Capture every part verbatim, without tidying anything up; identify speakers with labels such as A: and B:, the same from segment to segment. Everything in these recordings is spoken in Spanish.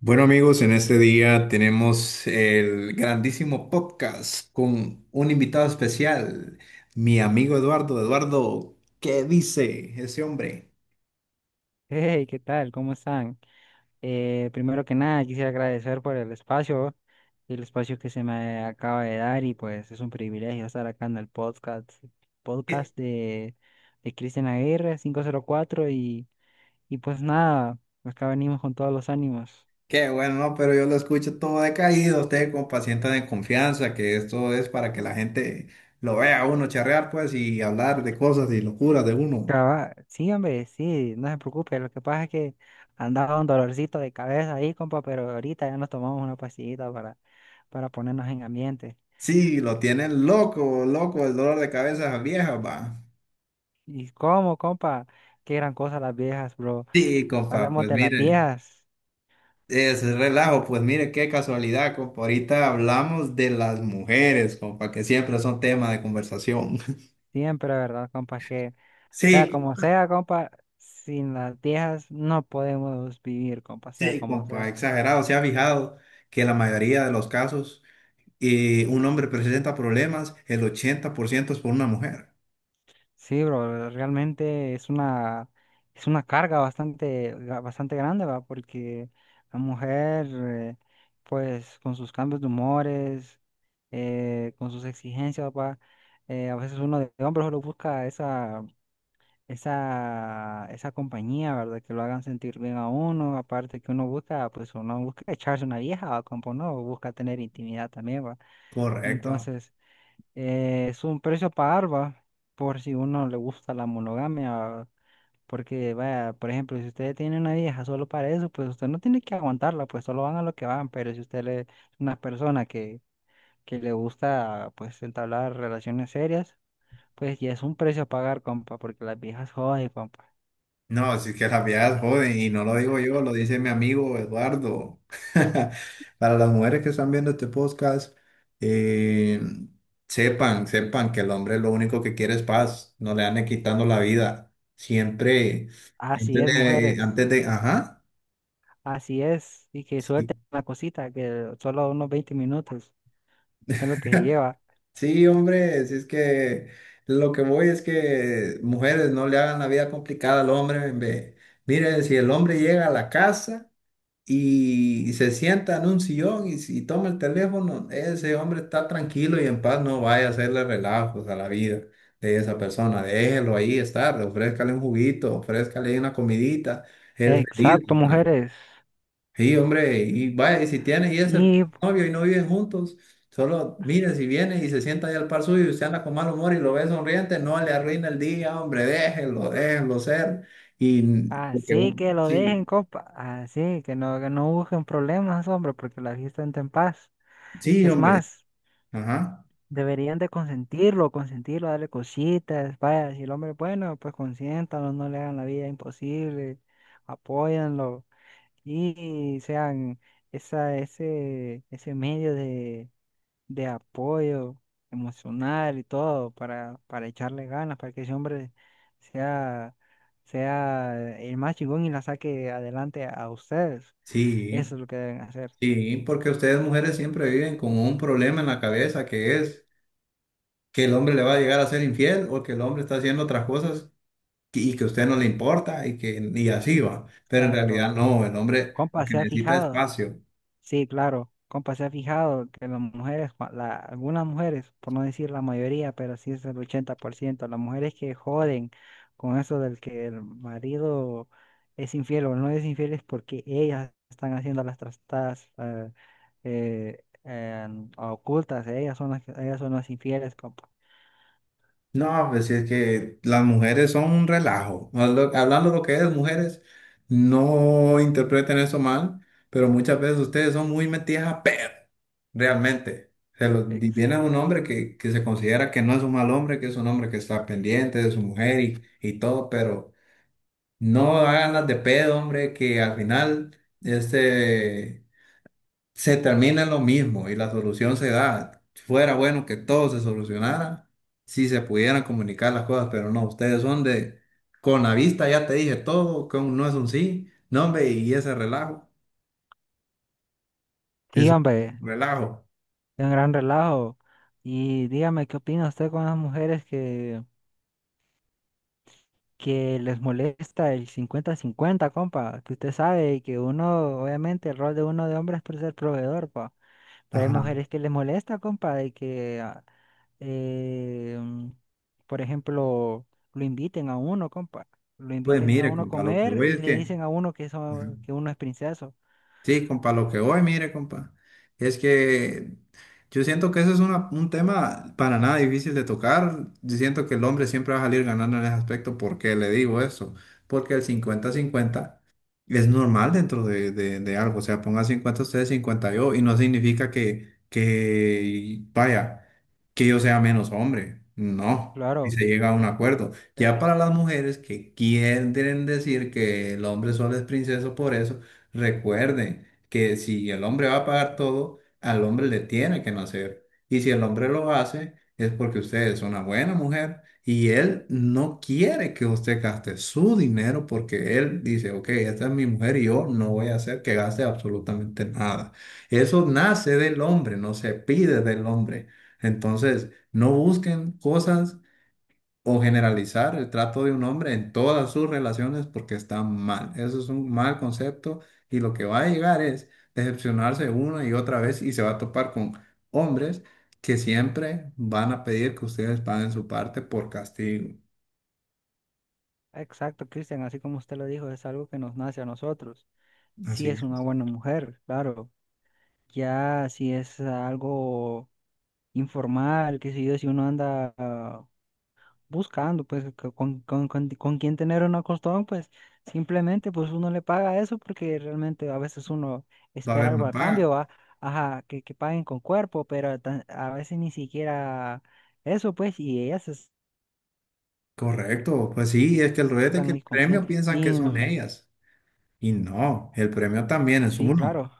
A: Bueno amigos, en este día tenemos el grandísimo podcast con un invitado especial, mi amigo Eduardo. Eduardo, ¿qué dice ese hombre?
B: Hey, ¿qué tal? ¿Cómo están? Eh, primero que nada, quisiera agradecer por el espacio, el espacio que se me acaba de dar, y pues es un privilegio estar acá en el podcast,
A: Qué,
B: podcast de, de Cristian Aguirre quinientos cuatro. Y, y pues nada, acá venimos con todos los ánimos.
A: qué bueno, ¿no? Pero yo lo escucho todo decaído, usted con paciente de confianza, que esto es para que la gente lo vea a uno charrear pues y hablar de cosas y locuras de uno.
B: Caba- Sí, hombre, sí, no se preocupe, lo que pasa es que andaba un dolorcito de cabeza ahí, compa, pero ahorita ya nos tomamos una pastillita para, para ponernos en ambiente.
A: Sí, lo tienen loco, loco, el dolor de cabeza vieja, va.
B: ¿Y cómo, compa? Qué gran cosa las viejas, bro.
A: Sí, compa,
B: Hablemos
A: pues
B: de las
A: mire.
B: viejas,
A: Es relajo, pues mire qué casualidad, compa. Ahorita hablamos de las mujeres, compa, que siempre son tema de conversación.
B: siempre, ¿verdad, compa? Que sea
A: Sí,
B: como sea, compa, sin las viejas no podemos vivir, compa, sea
A: sí,
B: como
A: compa,
B: sea.
A: exagerado. ¿Se ha fijado que la mayoría de los casos eh, un hombre presenta problemas, el ochenta por ciento es por una mujer?
B: Sí, bro, realmente es una, es una carga bastante, ga- bastante grande, ¿va? Porque la mujer, eh, pues, con sus cambios de humores, eh, con sus exigencias, ¿va? Eh, a veces uno de hombre solo busca esa. esa, esa compañía, ¿verdad? Que lo hagan sentir bien a uno, aparte que uno busca, pues uno busca echarse una vieja, ¿va, compa? Uno busca tener intimidad también, ¿va?
A: Correcto.
B: Entonces, eh, es un precio a pagar, ¿va? Por si uno le gusta la monogamia, ¿va? Porque, vaya, por ejemplo, si usted tiene una vieja solo para eso, pues usted no tiene que aguantarla, pues solo van a lo que van, pero si usted le- es una persona que, que le gusta, pues, entablar relaciones serias, pues ya es un precio a pagar, compa, porque las viejas joden, compa.
A: No, si es que las viejas joden, y no lo digo yo, lo dice mi amigo Eduardo. Para las mujeres que están viendo este podcast, eh, sepan, sepan que el hombre lo único que quiere es paz, no le anden quitando la vida. Siempre,
B: Así
A: antes
B: es,
A: de,
B: mujeres,
A: antes de, ajá.
B: así es. Y que
A: Sí,
B: suelten la cosita, que solo unos veinte minutos es lo que se lleva.
A: sí, hombre, si es que lo que voy es que mujeres no le hagan la vida complicada al hombre. Ve. Mire, si el hombre llega a la casa y se sienta en un sillón y, si toma el teléfono, ese hombre está tranquilo y en paz, no vaya a hacerle relajos a la vida de esa persona, déjelo ahí estar, ofrézcale un juguito, ofrézcale una comidita, él feliz,
B: Exacto,
A: ¿verdad?
B: mujeres.
A: Sí, hombre, y vaya, y si tiene y es el
B: Y
A: novio y no viven juntos, solo mire si viene y se sienta ahí al par suyo y usted anda con mal humor y lo ve sonriente, no le arruina el día, hombre, déjelo, déjelo ser. Y porque,
B: así que
A: un-
B: lo
A: sí,
B: dejen, compa. Así que no, que no busquen problemas, hombre, porque la fiesta entra en paz.
A: sí,
B: Es
A: hombre,
B: más,
A: ajá.
B: deberían de consentirlo, consentirlo, darle cositas. Vaya, si el hombre es bueno, pues consiéntalo, no le hagan la vida imposible, apóyanlo y sean esa, ese, ese medio de de apoyo emocional y todo para, para echarle ganas, para que ese hombre sea, sea el más chingón y la saque adelante a ustedes. Eso
A: Sí,
B: es lo que deben hacer.
A: sí, porque ustedes mujeres siempre viven con un problema en la cabeza que es que el hombre le va a llegar a ser infiel o que el hombre está haciendo otras cosas que- y que a usted no le importa y que y así
B: Eh,
A: va. Pero en
B: Exacto.
A: realidad no, el hombre
B: Compa,
A: lo que
B: se ha
A: necesita es
B: fijado.
A: espacio.
B: Sí, claro. Compa, se ha fijado que las mujeres, cua- la- algunas mujeres, por no decir la mayoría, pero sí es el ochenta por ciento, las mujeres que joden con eso del que el marido es infiel o no es infiel es porque ellas están haciendo las trastadas eh, eh, en- a ocultas, ellas son las, que- ellas son las infieles, compa.
A: No, pues si es que las mujeres son un relajo. Hablo- Hablando de lo que es mujeres, no interpreten eso mal, pero muchas veces ustedes son muy metidas a perro, realmente. Se lo,
B: Ex.
A: y viene un hombre que, que se considera que no es un mal hombre, que es un hombre que está pendiente de su mujer y, y todo, pero no hagan las de pedo, hombre, que al final este, se termina en lo mismo y la solución se da. Si fuera bueno que todo se solucionara si se pudieran comunicar las cosas, pero no, ustedes son de con la vista ya te dije todo, que no es un sí, no, hombre, y ese relajo,
B: Sí,
A: es
B: hombre,
A: un relajo.
B: es un gran relajo. Y dígame, ¿qué opina usted con las mujeres que... que les molesta el cincuenta-cincuenta, compa, que usted sabe que uno, obviamente, el rol de uno de hombre es por ser proveedor, pa, pero hay
A: Ajá.
B: mujeres que les molesta, compa, de que, ah, eh, mm, por ejemplo, lo inviten a uno, compa, lo
A: Pues
B: inviten a
A: mire,
B: uno a
A: compa, lo que
B: comer
A: voy
B: y
A: es
B: le
A: que.
B: dicen a uno que,
A: Ajá.
B: eso, que uno es princeso.
A: Sí, compa, lo que voy, mire, compa, es que yo siento que eso es una- un tema para nada difícil de tocar. Yo siento que el hombre siempre va a salir ganando en ese aspecto. ¿Por qué le digo eso? Porque el cincuenta-cincuenta es normal dentro de, de- de algo. O sea, ponga cincuenta ustedes, cincuenta yo, y no significa que, que, vaya, que yo sea menos hombre. No. Y
B: Claro,
A: se llega a un acuerdo.
B: es
A: Ya para las mujeres que quieren decir que el hombre solo es princeso por eso. Recuerden que si el hombre va a pagar todo, al hombre le tiene que nacer. Y si el hombre lo hace, es porque usted es una buena mujer y él no quiere que usted gaste su dinero porque él dice, ok, esta es mi mujer y yo no voy a hacer que gaste absolutamente nada. Eso nace del hombre, no se pide del hombre. Entonces, no busquen cosas o generalizar el trato de un hombre en todas sus relaciones porque está mal. Eso es un mal concepto y lo que va a llegar es decepcionarse una y otra vez y se va a topar con hombres que siempre van a pedir que ustedes paguen su parte por castigo.
B: exacto, Cristian, así como usted lo dijo, es algo que nos nace a nosotros. Si
A: Así
B: es una
A: es,
B: buena mujer, claro. Ya si es algo informal, qué sé yo, si uno anda ah, buscando, pues, co- con, con, con, con quién tener un acostón, pues, simplemente, pues, uno le paga eso porque realmente a veces uno
A: va a
B: espera
A: haber
B: algo
A: una
B: a cambio,
A: paga.
B: ¿va? Ajá, que, que paguen con cuerpo, pero tan- a veces ni siquiera eso, pues, y ellas es-
A: Correcto, pues sí, es que el rollo es de
B: están
A: que el
B: muy
A: premio
B: conscientes.
A: piensan
B: Y
A: que son
B: mm,
A: ellas y no, el premio también es
B: sí,
A: uno.
B: claro,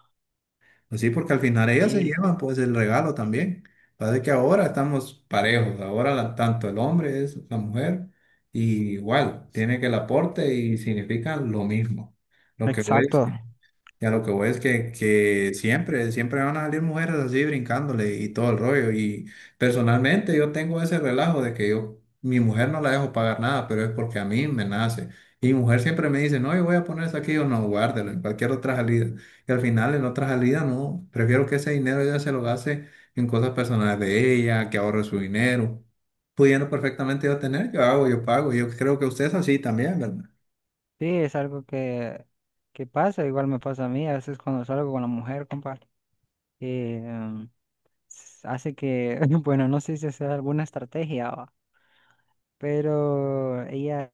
A: Pues sí, porque al final ellas se
B: sí,
A: llevan pues el regalo también. Parece que ahora estamos parejos, ahora la- tanto el hombre es la mujer y igual, tiene que el aporte y significan lo mismo. Lo que voy es-
B: exacto.
A: Ya lo que voy es que, que siempre, siempre van a salir mujeres así brincándole y todo el rollo. Y personalmente yo tengo ese relajo de que yo, mi mujer no la dejo pagar nada, pero es porque a mí me nace. Y mi mujer siempre me dice, no, yo voy a poner eso aquí, yo no, guárdelo en cualquier otra salida. Y al final en otra salida, no, prefiero que ese dinero ella se lo gaste en cosas personales de ella, que ahorre su dinero. Pudiendo perfectamente yo tener, yo hago, yo pago. Yo creo que usted es así también, ¿verdad?
B: Sí, es algo que, que pasa, igual me pasa a mí, a veces cuando salgo con la mujer, compa. eh, Hace que, bueno, no sé si es alguna estrategia, va, pero ella,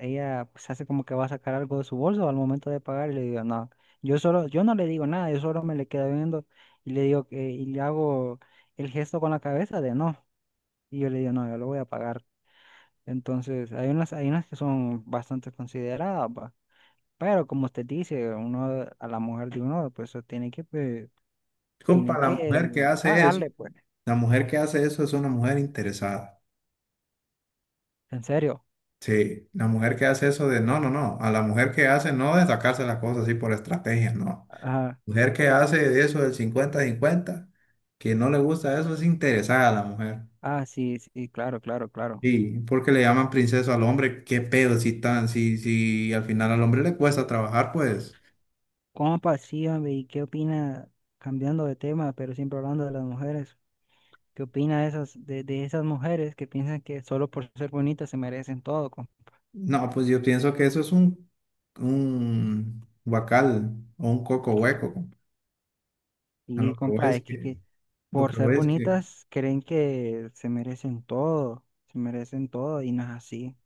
B: ella pues hace como que va a sacar algo de su bolso al momento de pagar y le digo, no, yo solo, yo no le digo nada, yo solo me le quedo viendo y le digo que, y le hago el gesto con la cabeza de no, y yo le digo, no, yo lo voy a pagar. Entonces, hay unas, hay unas que son bastante consideradas, va, pero como usted dice, uno, a la mujer de uno, pues tiene que, pues,
A: Compa,
B: tiene
A: la
B: que
A: mujer que hace eso.
B: pagarle, pues,
A: La mujer que hace eso es una mujer interesada.
B: en serio.
A: Sí, la mujer que hace eso de no, no, no. A la mujer que hace no de sacarse las cosas así por estrategia, no. Mujer que hace de eso del cincuenta cincuenta que no le gusta eso, es interesada la mujer.
B: Ah, sí, sí, claro, claro, claro.
A: Sí, porque le llaman princesa al hombre, qué pedo si tan, si, si al final al hombre le cuesta trabajar, pues.
B: ¿Cómo pasía, hombre? ¿Y qué opina, cambiando de tema, pero siempre hablando de las mujeres? ¿Qué opina de esas, de, de esas mujeres que piensan que solo por ser bonitas se merecen todo? Com-
A: No, pues yo pienso que eso es un, un guacal o un coco hueco. A lo
B: Y
A: que voy
B: compa,
A: es
B: es que,
A: que,
B: que
A: lo
B: por
A: que
B: ser
A: voy es que
B: bonitas creen que se merecen todo, se merecen todo y no es así.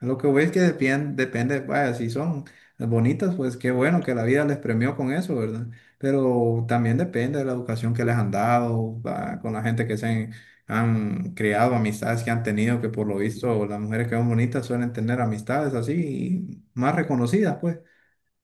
A: Lo que voy es que depende, depende, vaya, si son bonitas, pues qué bueno que la vida les premió con eso, ¿verdad? Pero también depende de la educación que les han dado, va, con la gente que se han, han creado, amistades que han tenido, que por lo visto las mujeres que son bonitas suelen tener amistades así, más reconocidas, pues.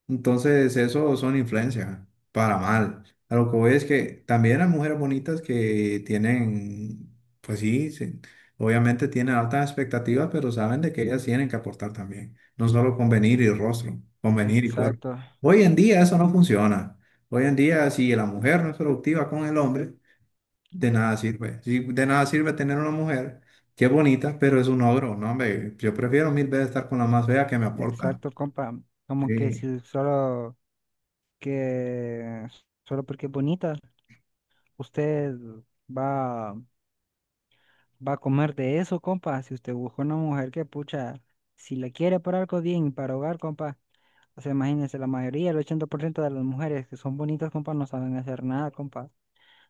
A: Entonces, eso son influencias, para mal. A lo que voy es que también hay mujeres bonitas que tienen, pues sí, sí, obviamente tienen altas expectativas, pero saben de que ellas tienen que aportar también, no solo con venir y rostro, con venir y cuerpo.
B: Exacto,
A: Hoy en día eso no funciona. Hoy en día, si la mujer no es productiva con el hombre, de nada sirve. Si de nada sirve tener una mujer que es bonita, pero es un ogro, ¿no? Hombre, yo prefiero mil veces estar con la más fea que me aporta.
B: exacto, compa. Como que
A: Sí.
B: si solo que solo porque es bonita, usted va va a comer de eso, compa. Si usted busca una mujer que, pucha, si la quiere para algo bien, para hogar, compa. O sea, imagínense, la mayoría, el ochenta por ciento de las mujeres que son bonitas, compa, no saben hacer nada, compa.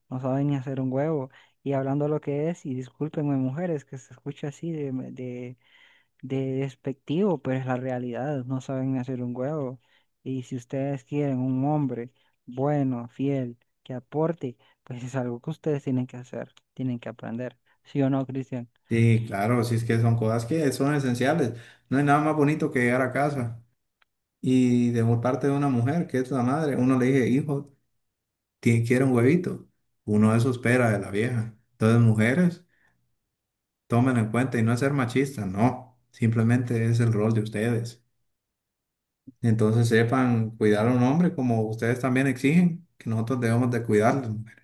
B: No saben ni hacer un huevo. Y hablando lo que es, y discúlpenme, mujeres, que se escucha así de, de, de despectivo, pero es la realidad, no saben ni hacer un huevo. Y si ustedes quieren un hombre bueno, fiel, que aporte, pues es algo que ustedes tienen que hacer, tienen que aprender. ¿Sí o no, Cristian?
A: Sí, claro, sí es que son cosas que son esenciales. No hay nada más bonito que llegar a casa y de por parte de una mujer que es la madre, uno le dice, hijo, ti- quiere un huevito. Uno eso espera de la vieja. Entonces, mujeres, tomen en cuenta y no es ser machista, no, simplemente es el rol de ustedes. Entonces, sepan cuidar a un hombre como ustedes también exigen que nosotros debemos de cuidarles, mujer.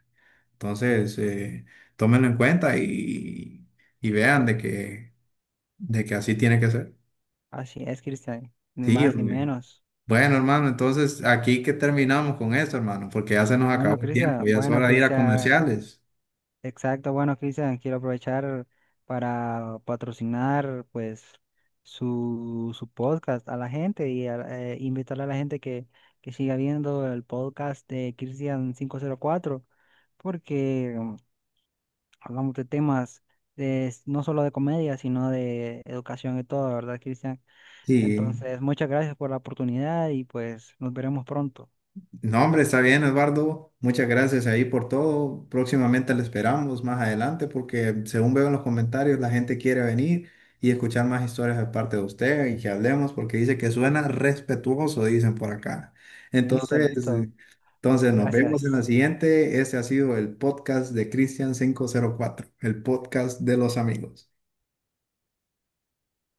A: Entonces, eh, tómenlo en cuenta y, y vean de que, de que así tiene que ser.
B: Así es, Cristian, ni
A: Sí,
B: más ni
A: hombre.
B: menos.
A: Bueno, hermano, entonces aquí que terminamos con esto, hermano, porque ya se nos
B: Bueno,
A: acabó el tiempo,
B: Cristian,
A: ya es
B: bueno,
A: hora de ir a
B: Cristian,
A: comerciales.
B: exacto, bueno, Cristian, quiero aprovechar para patrocinar pues su, su podcast a la gente y a- eh, invitarle a la gente que, que siga viendo el podcast de Cristian quinientos cuatro, porque mm, hablamos de temas de, no solo de comedia, sino de educación y todo, ¿verdad, Cristian?
A: Sí,
B: Entonces, muchas gracias por la oportunidad y pues nos veremos pronto.
A: no, hombre, está bien, Eduardo. Muchas gracias ahí por todo. Próximamente le esperamos más adelante porque según veo en los comentarios, la gente quiere venir y escuchar más historias de parte de usted y que hablemos porque dice que suena respetuoso, dicen por acá.
B: Listo,
A: Entonces,
B: listo.
A: entonces nos vemos en la
B: Gracias.
A: siguiente. Este ha sido el podcast de Cristian quinientos cuatro, el podcast de los amigos.